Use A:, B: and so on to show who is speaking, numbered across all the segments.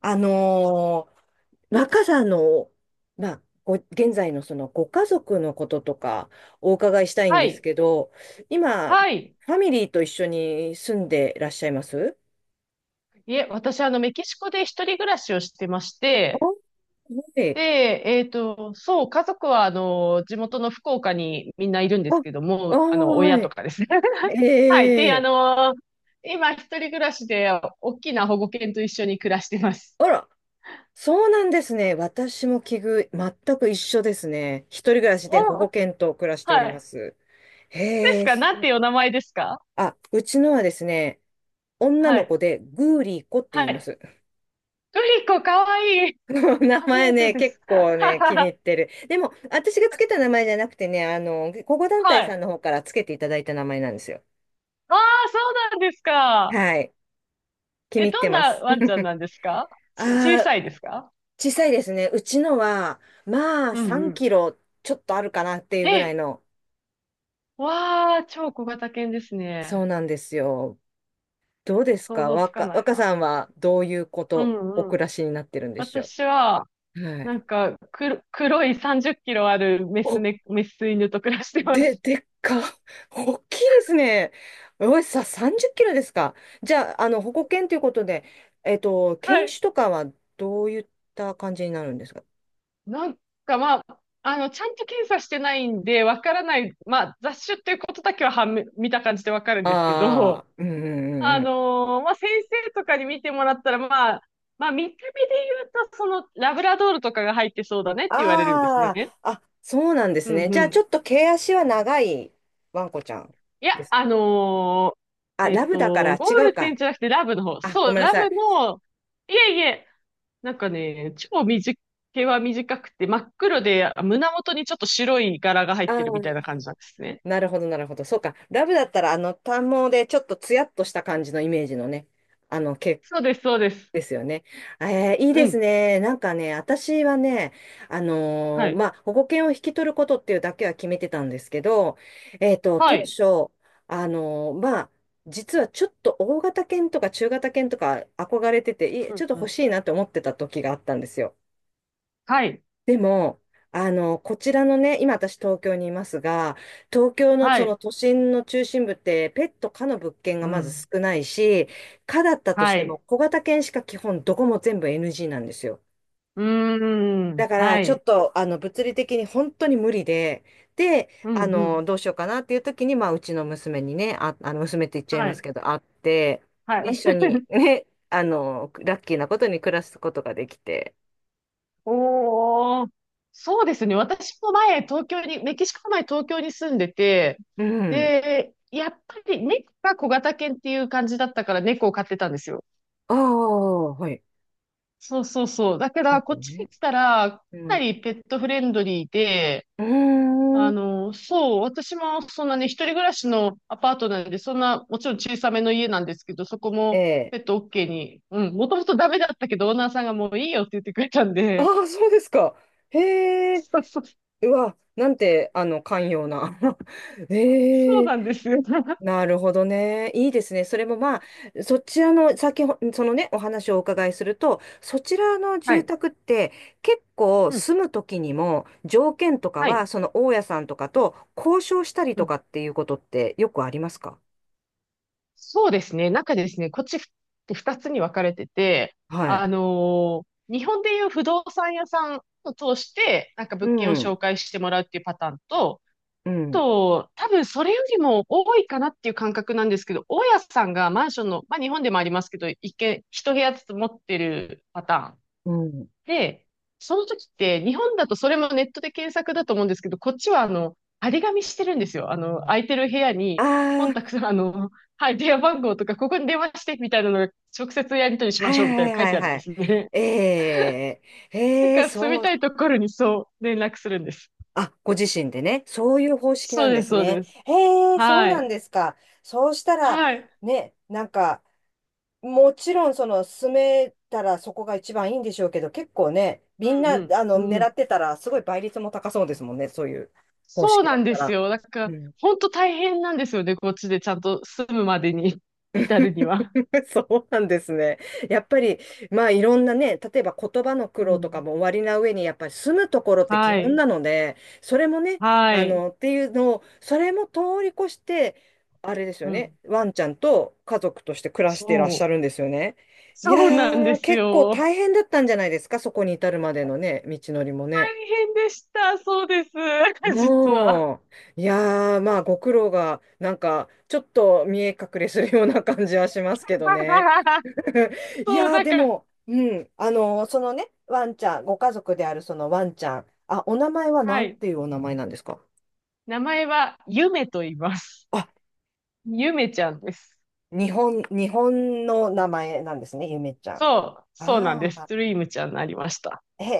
A: あのー若さの、まあ、現在のそのご家族のこととかお伺いしたいん
B: は
A: です
B: い。
A: けど、今、
B: はい。
A: ファミリーと一緒に住んでらっしゃいます？
B: いえ、私、メキシコで一人暮らしをしてまして、
A: はい。
B: で、そう、家族は、地元の福岡にみんないるんで
A: あ、
B: すけど
A: あー、
B: も、親
A: は
B: と
A: い。
B: かですね。はい。で、
A: ええ。
B: 今、一人暮らしで、大きな保護犬と一緒に暮らしてます。
A: あら、そうなんですね。私も奇遇、全く一緒ですね。一人暮らしで保
B: お、
A: 護犬と暮らして
B: は
A: おりま
B: い。
A: す。
B: で
A: へ
B: す
A: え、
B: か、なんていうお名前ですか？
A: あ、うちのはですね、女
B: は
A: の子
B: い。
A: でグーリー子って
B: は
A: 言いま
B: い。
A: す。
B: グリコ、かわいい。
A: 名
B: 初
A: 前
B: めて
A: ね、
B: で
A: 結
B: す。
A: 構ね、気に入 ってる。でも、私がつけた名前じゃなくてね、保護団体
B: はい。
A: さん
B: あ
A: の方からつけていただいた名前なんですよ。
B: あ、そうなんですか。
A: はい。気
B: え、
A: に入って
B: どん
A: ま
B: な
A: す。
B: ワンちゃん なんですか？小
A: あ
B: さ
A: あ、
B: いですか？
A: 小さいですね。うちのは、まあ、
B: うんう
A: 3
B: ん。
A: キロちょっとあるかなっていうぐらい
B: え、
A: の。
B: わあ、超小型犬です
A: そう
B: ね。
A: なんですよ。どうです
B: 想
A: か？
B: 像つかない
A: 若
B: な。
A: さんはどういうこ
B: う
A: と、お
B: んう
A: 暮
B: ん。
A: らしになってるんでしょ
B: 私は、
A: う？は
B: な
A: い。
B: んか、黒い30キロあるメス
A: お、
B: ね、メス犬と暮らしてます。
A: でっか。大きいですね。おい、30キロですか？じゃあ、保護犬ということで、
B: は
A: 犬
B: い。
A: 種とかはどういった感じになるんですか？
B: なんか、まあ、ちゃんと検査してないんで、わからない。まあ、雑種っていうことだけは判明、見た感じでわかるんですけ
A: あ
B: ど、
A: あー、うんうんうんうん。
B: まあ、先生とかに見てもらったら、まあ、まあ、見た目で言うと、その、ラブラドールとかが入ってそうだねって言われるんです
A: あ
B: ね。
A: あ、あ、そうなんで
B: う
A: す
B: ん
A: ね。
B: う
A: じゃあ、ちょ
B: ん。
A: っと毛足は長いワンコちゃん
B: いや、
A: です。あ、ラブだから違
B: ゴー
A: う
B: ルデ
A: か。
B: ンじゃなくてラブの方。
A: あ、
B: そ
A: ご
B: う、
A: めんな
B: ラ
A: さい。
B: ブの、いえいえ、なんかね、毛は短くて、真っ黒で、胸元にちょっと白い柄が入
A: あ
B: ってるみた
A: あ、
B: いな感じなんですね。
A: なるほど、なるほど。そうか。ラブだったら、短毛でちょっとツヤっとした感じのイメージのね、毛
B: そうです、そうです。
A: ですよね。いい
B: う
A: です
B: ん。
A: ね。なんかね、私はね、
B: はい。
A: まあ、保護犬を引き取ることっていうだけは決めてたんですけど、
B: は
A: 当
B: い。
A: 初、まあ、実はちょっと大型犬とか中型犬とか憧れてて、
B: う
A: ちょ
B: ん
A: っと
B: う
A: 欲
B: ん。
A: しいなって思ってた時があったんですよ。
B: はい。
A: でも、こちらのね、今私東京にいますが、東京の
B: は
A: その
B: い。
A: 都心の中心部ってペット可の物件が
B: う
A: まず
B: ん。
A: 少ないし、可だったとし
B: は
A: ても
B: い。
A: 小型犬しか基本どこも全部 NG なんですよ。
B: うーん。
A: だから
B: は
A: ちょ
B: い。
A: っとあの物理的に本当に無理で、で、
B: うんうん。
A: どうしようかなっていう時に、まあうちの娘にね、あ、あの娘って言っちゃい
B: は
A: ます
B: い。
A: けど、会って、
B: はい。
A: で一緒に ね、ラッキーなことに暮らすことができて、
B: おー。そうですね。私も前、東京に、メキシコの前、東京に住んでて、
A: うん。
B: で、やっぱり猫が小型犬っていう感じだったから猫を飼ってたんですよ。
A: ああ、はい。
B: そうそうそう。だから、こ
A: 猫
B: っち
A: ね。
B: に来たら、か
A: う
B: な
A: ん。
B: りペットフレンドリーで、
A: うーん。
B: そう、私もそんなね、一人暮らしのアパートなんで、そんな、もちろん小さめの家なんですけど、そこ
A: え
B: も
A: え。
B: ペット OK に、うん、もともとダメだったけど、オーナーさんがもういいよって言ってくれたん
A: あ
B: で、
A: あ、そうですか。へえ。
B: そうそう、
A: うわ、なんて、寛容な。
B: そ
A: え
B: う
A: え。
B: なんですよ。
A: なるほどね。いいですね。それもまあ、そちらの、そのね、お話をお伺いすると、そちらの
B: は
A: 住
B: い。
A: 宅って、結構
B: うん、
A: 住む時にも、条件とか
B: は
A: は、
B: い。
A: その大家さんとかと交渉したり
B: う
A: と
B: ん。
A: かっていうことってよくありますか？
B: そうですね、中ですね、こっちって二つに分かれてて、
A: は
B: あ
A: い。
B: のー日本でいう不動産屋さんを通して、なんか
A: う
B: 物件を
A: ん。
B: 紹介してもらうっていうパターンと、
A: うん。
B: と、多分それよりも多いかなっていう感覚なんですけど、大家さんがマンションの、まあ日本でもありますけど、一軒、一部屋ずつ持ってるパターン。
A: うん。
B: で、その時って、日本だとそれもネットで検索だと思うんですけど、こっちは張り紙してるんですよ。空いてる部屋
A: あ
B: に、コンタク
A: あ。
B: ト、はい、電話番号とか、ここに電話して、みたいなのが、直接やり取りしま
A: は
B: し
A: い
B: ょう、みたい
A: は
B: なの
A: い
B: 書い
A: は
B: て
A: い
B: あるん
A: は
B: で
A: い。
B: すね。
A: ええ、
B: だ
A: ええ、
B: から住み
A: そう、
B: たいところにそう、連絡するんです。
A: あ、ご自身でね、そういう方式な
B: そう
A: んで
B: です、
A: す
B: そう
A: ね。
B: です。
A: ええ、そう
B: は
A: なん
B: い。
A: ですか。そうしたら、
B: はい。
A: ね、なんか、もちろん、その、住めたらそこが一番いいんでしょうけど、結構ね、みん
B: う
A: な、
B: んうん。う
A: 狙
B: ん。
A: ってたら、すごい倍率も高そうですもんね、そういう方
B: そう
A: 式だ
B: な
A: っ
B: んで
A: た
B: す
A: ら。
B: よ。だから、本当大変なんですよね。こっちでちゃんと住むまでに 至るには。
A: そうなんですね。やっぱり、まあいろんなね、例えば言葉の苦
B: う
A: 労とか
B: ん。
A: も終わりな上に、やっぱり住むところって基
B: は
A: 本
B: い。
A: なので、それもね、
B: はい。
A: っていうのを、それも通り越して、あれですよ
B: う
A: ね、
B: ん。
A: ワンちゃんと家族として暮らしていらっしゃ
B: そう。
A: るんですよね。いや
B: そうなんで
A: ー、
B: す
A: 結構
B: よ。
A: 大変だったんじゃないですか、そこに至るまでのね、道のりも
B: 大
A: ね。
B: 変でした。そうです。実は。
A: もうん。いやー、まあご苦労が、なんか、ちょっと見え隠れするような感じはしますけどね。い
B: そう、
A: やー、
B: なん
A: で
B: か、
A: も、うん、そのね、ワンちゃん、ご家族であるそのワンちゃん、あ、お名前はな
B: は
A: ん
B: い。
A: ていうお名前なんですか？
B: 名前は、ゆめと言います。
A: あ、
B: ゆめちゃんです。
A: 日本の名前なんですね、ゆめちゃん。
B: そう、そうなんで
A: あ
B: す。
A: あ、
B: ドリームちゃんになりました。
A: へ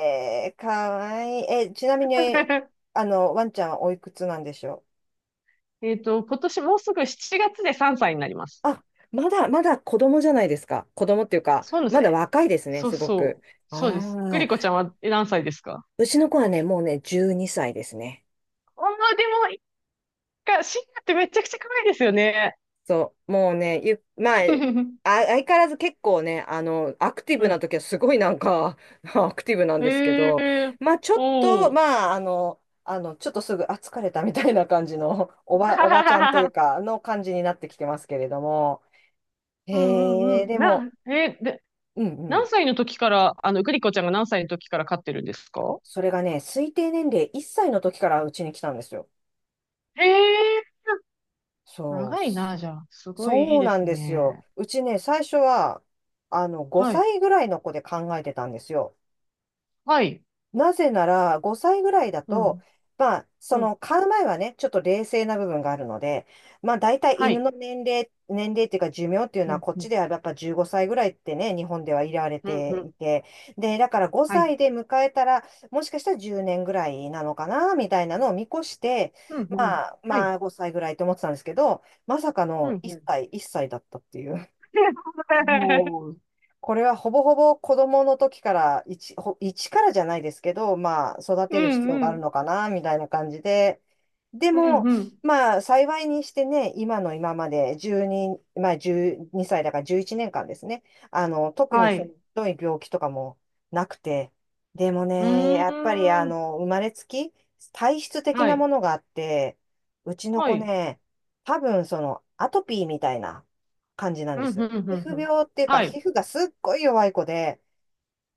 A: え、かわいい。え、ちなみに、ワンちゃんはおいくつなんでしょ
B: 今年もうすぐ7月で3歳になります。
A: う？あ、まだ、まだ子供じゃないですか。子供っていうか、
B: そうなんです
A: まだ
B: ね。
A: 若いですね、
B: そう
A: すご
B: そ
A: く。
B: う。
A: あ
B: そうです。グ
A: あ、
B: リコちゃんは、え、何歳ですか？
A: うちの子はね、もうね、12歳ですね。
B: ああ、でも、一回か、シンガってめちゃくちゃ可愛いですよね。
A: そう、もうね、まあ、あ、相変わらず結構ね、アクティ
B: う
A: ブな
B: ん。
A: 時はすごいなんか、アクティブなん
B: へ
A: ですけど、
B: え、
A: まあ、ちょっと、
B: おお。
A: まあ、ちょっとすぐ、あ、疲れたみたいな感じの、おばちゃんとい うか、の感じになってきてますけれども、
B: うんう
A: へ
B: ん
A: え、
B: うん。
A: でも、
B: な、えーで、
A: うんう
B: 何
A: ん、
B: 歳の時から、グリコちゃんが何歳の時から飼ってるんですか？
A: それがね、推定年齢1歳の時からうちに来たんですよ。
B: へえ、
A: そう、
B: 長いな、じゃあ。すごいい
A: そ
B: い
A: う
B: で
A: なん
B: す
A: ですよ。
B: ね。
A: うちね、最初は、
B: はい。
A: 5歳ぐらいの子で考えてたんですよ。
B: はい。
A: なぜなら、5歳ぐらいだ
B: う
A: と、
B: ん。
A: まあ、そ
B: うん。
A: の、買う前はね、ちょっと冷静な部分があるので、まあ、大体
B: は
A: 犬
B: い。
A: の年齢っていうか寿命っていう
B: う
A: のは、
B: ん
A: こっ
B: う
A: ち
B: ん。
A: ではやっぱ15歳ぐらいってね、日本では入れられ
B: うんう
A: て
B: ん。
A: いて、で、だから
B: は
A: 5
B: い。
A: 歳で迎えたら、もしかしたら10年ぐらいなのかな、みたいなのを見越して、
B: うんうん。
A: まあ、
B: は
A: ま
B: い。
A: あ、5歳ぐらいと思ってたんですけど、まさか
B: う
A: の
B: ん
A: 1
B: うん。
A: 歳、1歳だったっていう。もう、これはほぼほぼ子供の時から、一からじゃないですけど、まあ、育
B: う
A: てる必要
B: ん
A: が
B: う
A: ある
B: ん。
A: のかな、みたいな感じで。で
B: うん
A: も、
B: うん。
A: まあ、幸いにしてね、今の今まで12、まあ、12歳だから11年間ですね。特
B: は
A: にその、
B: い。
A: ひどい病気とかもなくて。でも
B: う
A: ね、やっぱり、
B: ーん。
A: 生まれつき、体質的
B: は
A: な
B: い。
A: ものがあって、うちの
B: は
A: 子
B: い。
A: ね、多分、その、アトピーみたいな感じなん
B: う
A: で
B: ん、
A: すよ。
B: うん、うん、
A: 皮膚
B: うん。
A: 病っていうか、
B: は
A: 皮
B: い。
A: 膚がすっごい弱い子で、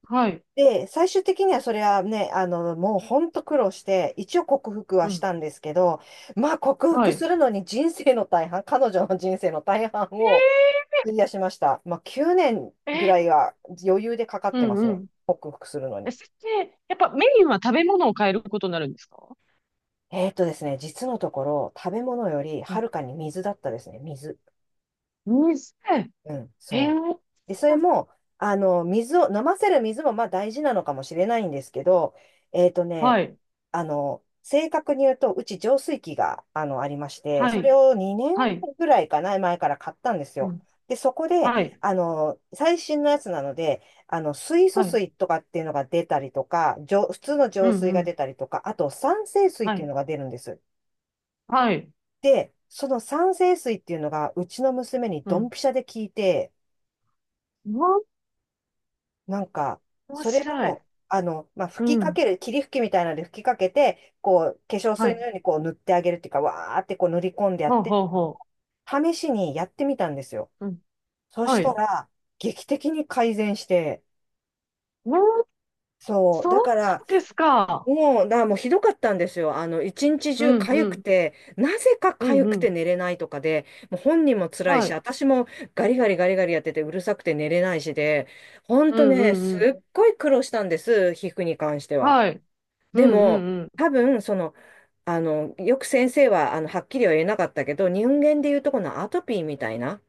B: はい。
A: で、最終的にはそれはね、もうほんと苦労して、一応克服は
B: う
A: し
B: ん。
A: たんですけど、まあ克
B: は
A: 服
B: い。
A: するのに人生の大半、彼女の人生の大半を費やしました。まあ9年
B: えー、
A: ぐ
B: え
A: らい
B: ー、
A: は余裕でかかっ
B: う
A: てます
B: んう
A: ね、
B: ん。
A: 克服するの
B: え、
A: に。
B: それって、やっぱメインは食べ物を変えることになるんですか？
A: ですね、実のところ、食べ物より
B: う
A: は
B: ん。
A: るかに水だったですね、水。
B: 店。
A: うん、そ
B: え
A: う。
B: ー、
A: で、それも、水を、飲ませる水もまあ大事なのかもしれないんですけど、えっとね、
B: はい。
A: 正確に言うと、うち浄水器が、ありまして、
B: は
A: そ
B: い。
A: れを2年
B: はい。
A: ぐらいかな、前から買ったんです
B: う
A: よ。
B: ん。
A: で、そこで、
B: はい。
A: 最新のやつなので、水素
B: はい。
A: 水とかっていうのが出たりとか、普通の
B: うん
A: 浄水
B: う
A: が出
B: ん。
A: たりとか、あと酸性水っ
B: は
A: ていう
B: い。
A: のが出るんです。
B: はい。
A: で、その酸性水っていうのが、うちの娘に
B: う
A: ドン
B: ん。
A: ピシャで聞いて、
B: うわ、
A: なんか、
B: 面
A: それ
B: 白い。
A: を、まあ、
B: う
A: 吹きかけ
B: ん。
A: る、霧吹きみたいなので吹きかけて、こう、化粧
B: は
A: 水の
B: い。
A: ようにこう塗ってあげるっていうか、わーってこう塗り込んでやっ
B: ほう
A: て、
B: ほうほ
A: 試しにやってみたんですよ。
B: う。うん。
A: そし
B: は
A: た
B: い。
A: ら、劇的に改善して、
B: おー、
A: そう、だ
B: そう
A: か
B: そ
A: ら、
B: うですか。
A: もう、だからもうひどかったんですよ。一日
B: う
A: 中
B: ん
A: 痒
B: う
A: く
B: ん。
A: て、なぜか
B: うん
A: 痒く
B: う
A: て
B: ん。
A: 寝れないとかで、もう本人も辛い
B: は
A: し、
B: い。
A: 私もガリガリガリガリやっててうるさくて寝れないしで、ほん
B: う
A: と
B: んう
A: ね、す
B: んうん。
A: っごい苦労したんです、皮膚に関しては。
B: はい。う
A: で
B: んう
A: も、
B: んうん。
A: 多分、よく先生は、はっきりは言えなかったけど、人間でいうとこのアトピーみたいな、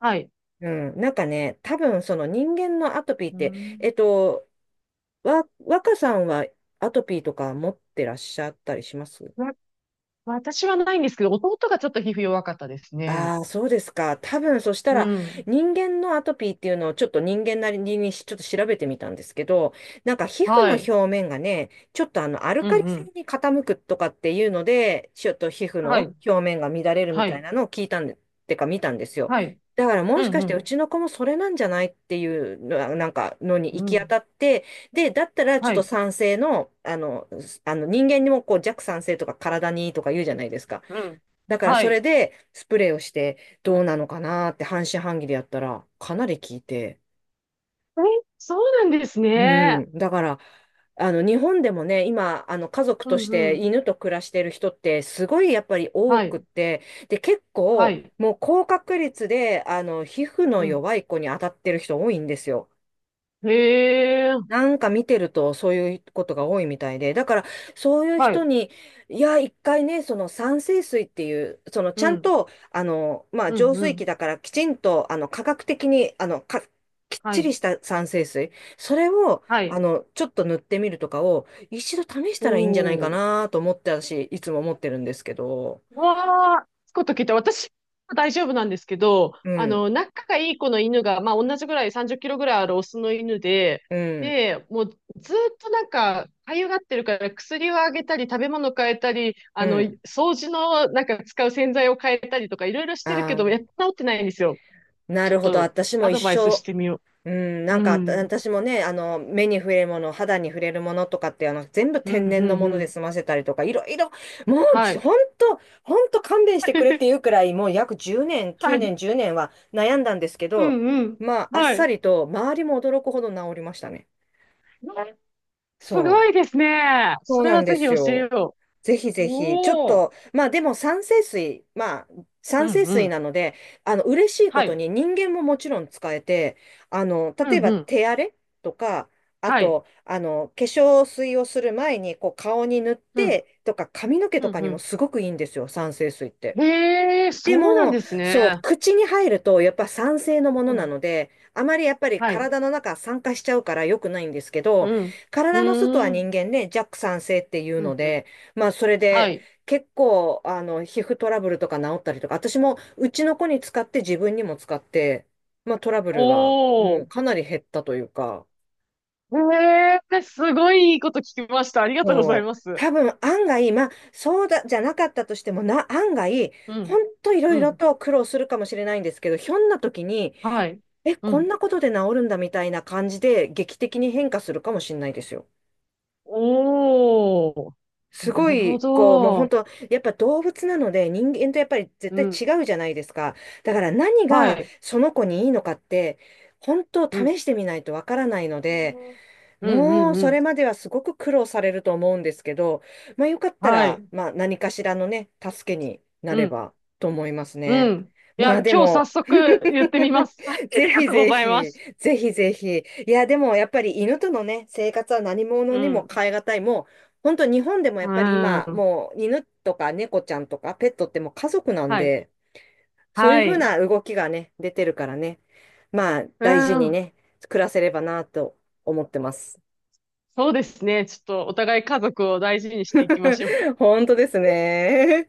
B: はい。
A: うん、なんかね、多分、その人間のアトピーっ
B: う
A: て、
B: ん。
A: えっと、若さんはアトピーとか持ってらっしゃったりします？
B: わ私はないんですけど、弟がちょっと皮膚弱かったですね。
A: ああ、そうですか。多分、そした
B: う
A: ら、
B: ん。
A: 人間のアトピーっていうのをちょっと人間なりにしちょっと調べてみたんですけど、なんか皮膚の
B: はい。
A: 表面がね、ちょっとアル
B: う
A: カ
B: ん
A: リ
B: う
A: 性
B: ん。
A: に傾くとかっていうので、ちょっと皮膚
B: は
A: の
B: い。
A: 表面が乱れるみ
B: は
A: たい
B: い。
A: なのを聞いたんで、ってか見たんですよ。
B: はい。
A: だからも
B: う
A: し
B: ん
A: かし
B: う
A: てう
B: ん。
A: ちの子もそれなんじゃないっていうのなんかのに
B: う
A: 行き当
B: ん。
A: たって、で、だったらちょっ
B: は
A: と
B: い。
A: 酸性の、人間にもこう弱酸性とか体にいいとか言うじゃないですか。
B: うん。
A: だから
B: は
A: それ
B: い。
A: でスプレーをしてどうなのかなって半信半疑でやったらかなり効いて。
B: え、そうなんです
A: う
B: ね。
A: ん。だから、日本でもね、今、家族
B: う
A: とし
B: んう
A: て
B: ん。
A: 犬と暮らしてる人ってすごいやっぱり多
B: は
A: くっ
B: い。
A: て、で、結
B: は
A: 構
B: い。
A: もう高確率で皮膚の
B: うん。
A: 弱い子に当たってる人多いんですよ。
B: へえ。
A: なんか見てるとそういうことが多いみたいで、だからそういう
B: は
A: 人
B: い。
A: に、いや、一回ね、その酸性水っていう、その
B: う
A: ちゃん
B: ん。
A: と、まあ、
B: うん
A: 浄
B: う
A: 水
B: ん。
A: 器だからきちんと、科学的に、きっ
B: は
A: ちり
B: い。
A: した酸性水、それを、
B: はい。
A: ちょっと塗ってみるとかを、一度試し
B: お
A: たらいいんじゃないか
B: お。
A: なと思って、私、いつも思ってるんですけど、
B: うわあ、つくこと聞いた。私は大丈夫なんですけど、
A: うん、
B: 仲がいい子の犬が、まあ、同じぐらい30キロぐらいあるオスの犬で、
A: うん、
B: で、もうずっとなんか、かゆがってるから薬をあげたり、食べ物変えたり、
A: うん。
B: 掃除のなんか使う洗剤を変えたりとか、いろいろしてる
A: あ
B: けど、
A: あ、
B: やっと治ってないんですよ。
A: な
B: ちょっ
A: るほど。
B: と
A: 私も
B: ア
A: 一
B: ドバイス
A: 生、
B: してみよ
A: うん、
B: う。
A: なん
B: う
A: か
B: ん。
A: 私もね、目に触れるもの、肌に触れるものとかって、全部
B: う
A: 天
B: ん、う
A: 然の
B: ん、う
A: もので
B: ん。
A: 済ませたりとか、いろいろ、もう、
B: は
A: じ
B: い。
A: ほんと、ほんと勘弁してくれっていう くらい、もう約10年、
B: は
A: 9
B: い。
A: 年、10年は悩んだんですけ
B: う
A: ど、
B: ん、うん。
A: まあ、あっ
B: は
A: さ
B: い。
A: りと、周りも驚くほど治りましたね。
B: すご
A: そう。
B: いですね。
A: そ
B: そ
A: う
B: れ
A: な
B: は
A: んで
B: ぜひ
A: す
B: 教え
A: よ。
B: よ
A: ぜひ
B: う。
A: ぜひ、ちょっ
B: おお。
A: と、まあでも酸性水、まあ
B: う
A: 酸
B: ん
A: 性
B: う
A: 水
B: ん。
A: なので、嬉しいこ
B: は
A: と
B: い。
A: に人間ももちろん使えて、
B: う
A: 例え
B: ん
A: ば
B: うん。
A: 手荒れとか、あ
B: はい。
A: と、化粧水をする前にこう顔に塗っ
B: うん。
A: てとか、髪の毛と
B: う
A: か
B: ん
A: にも
B: う
A: すごくいいんですよ、酸性水っ
B: ん。
A: て。
B: へえ、
A: で
B: そうなん
A: も、
B: です
A: そう、
B: ね。
A: 口に入ると、やっぱ酸性のも
B: う
A: のな
B: ん。
A: ので、あまりやっぱり
B: はい。
A: 体の中酸化しちゃうから良くないんですけど、
B: うん。う
A: 体の外は
B: ー
A: 人
B: ん。
A: 間ね、弱酸性っていう
B: う
A: の
B: んうん。
A: で、まあそれ
B: は
A: で
B: い。
A: 結構、皮膚トラブルとか治ったりとか、私もうちの子に使って自分にも使って、まあトラブ
B: お
A: ルが、うん、
B: お。
A: かなり減ったというか、
B: へえ、すごいいいこと聞きました。ありがとうござい
A: そう、
B: ます。
A: 多分案外、まあそうだ、じゃなかったとしてもな、案外、
B: う
A: ほ
B: ん。
A: んといろい
B: う
A: ろ
B: ん。
A: と苦労するかもしれないんですけど、ひょんな時に、
B: はい。
A: え、
B: う
A: こん
B: ん。
A: なことで治るんだみたいな感じで劇的に変化するかもしれないですよ。
B: おお。
A: す
B: な
A: ご
B: るほ
A: い、こう、もう本
B: ど。
A: 当、やっぱ動物なので人間とやっぱり絶
B: うん。
A: 対違うじゃないですか。だから何
B: は
A: が
B: い。
A: その子にいいのかって、本当
B: うん。
A: 試してみないとわからないので、
B: うんう
A: もう、
B: んう
A: そ
B: ん。
A: れまではすごく苦労されると思うんですけど、まあ、よかった
B: は
A: ら、
B: い。
A: まあ、何かしらのね、助けにな
B: う
A: れ
B: ん。
A: ばと思います
B: う
A: ね。
B: ん。いや、
A: まあ、で
B: 今日早
A: も、
B: 速言ってみま す。はい、あ
A: ぜ
B: りが
A: ひ
B: とうご
A: ぜ
B: ざいま
A: ひ、
B: す。
A: ぜひぜひ。いや、でも、やっぱり犬とのね、生活は何者
B: う
A: にも
B: ん。
A: 代え難い。もう、本当日本でもや
B: う
A: っぱり今、
B: ん。
A: もう、犬とか猫ちゃんとかペットってもう家族なん
B: はい。
A: で、そういう
B: は
A: ふう
B: い。
A: な動きがね、出てるからね、まあ、
B: う
A: 大事に
B: ん。
A: ね、暮らせればなと思ってます。
B: そうですね。ちょっとお互い家族を大事にしていきましょう。
A: 本当ですね。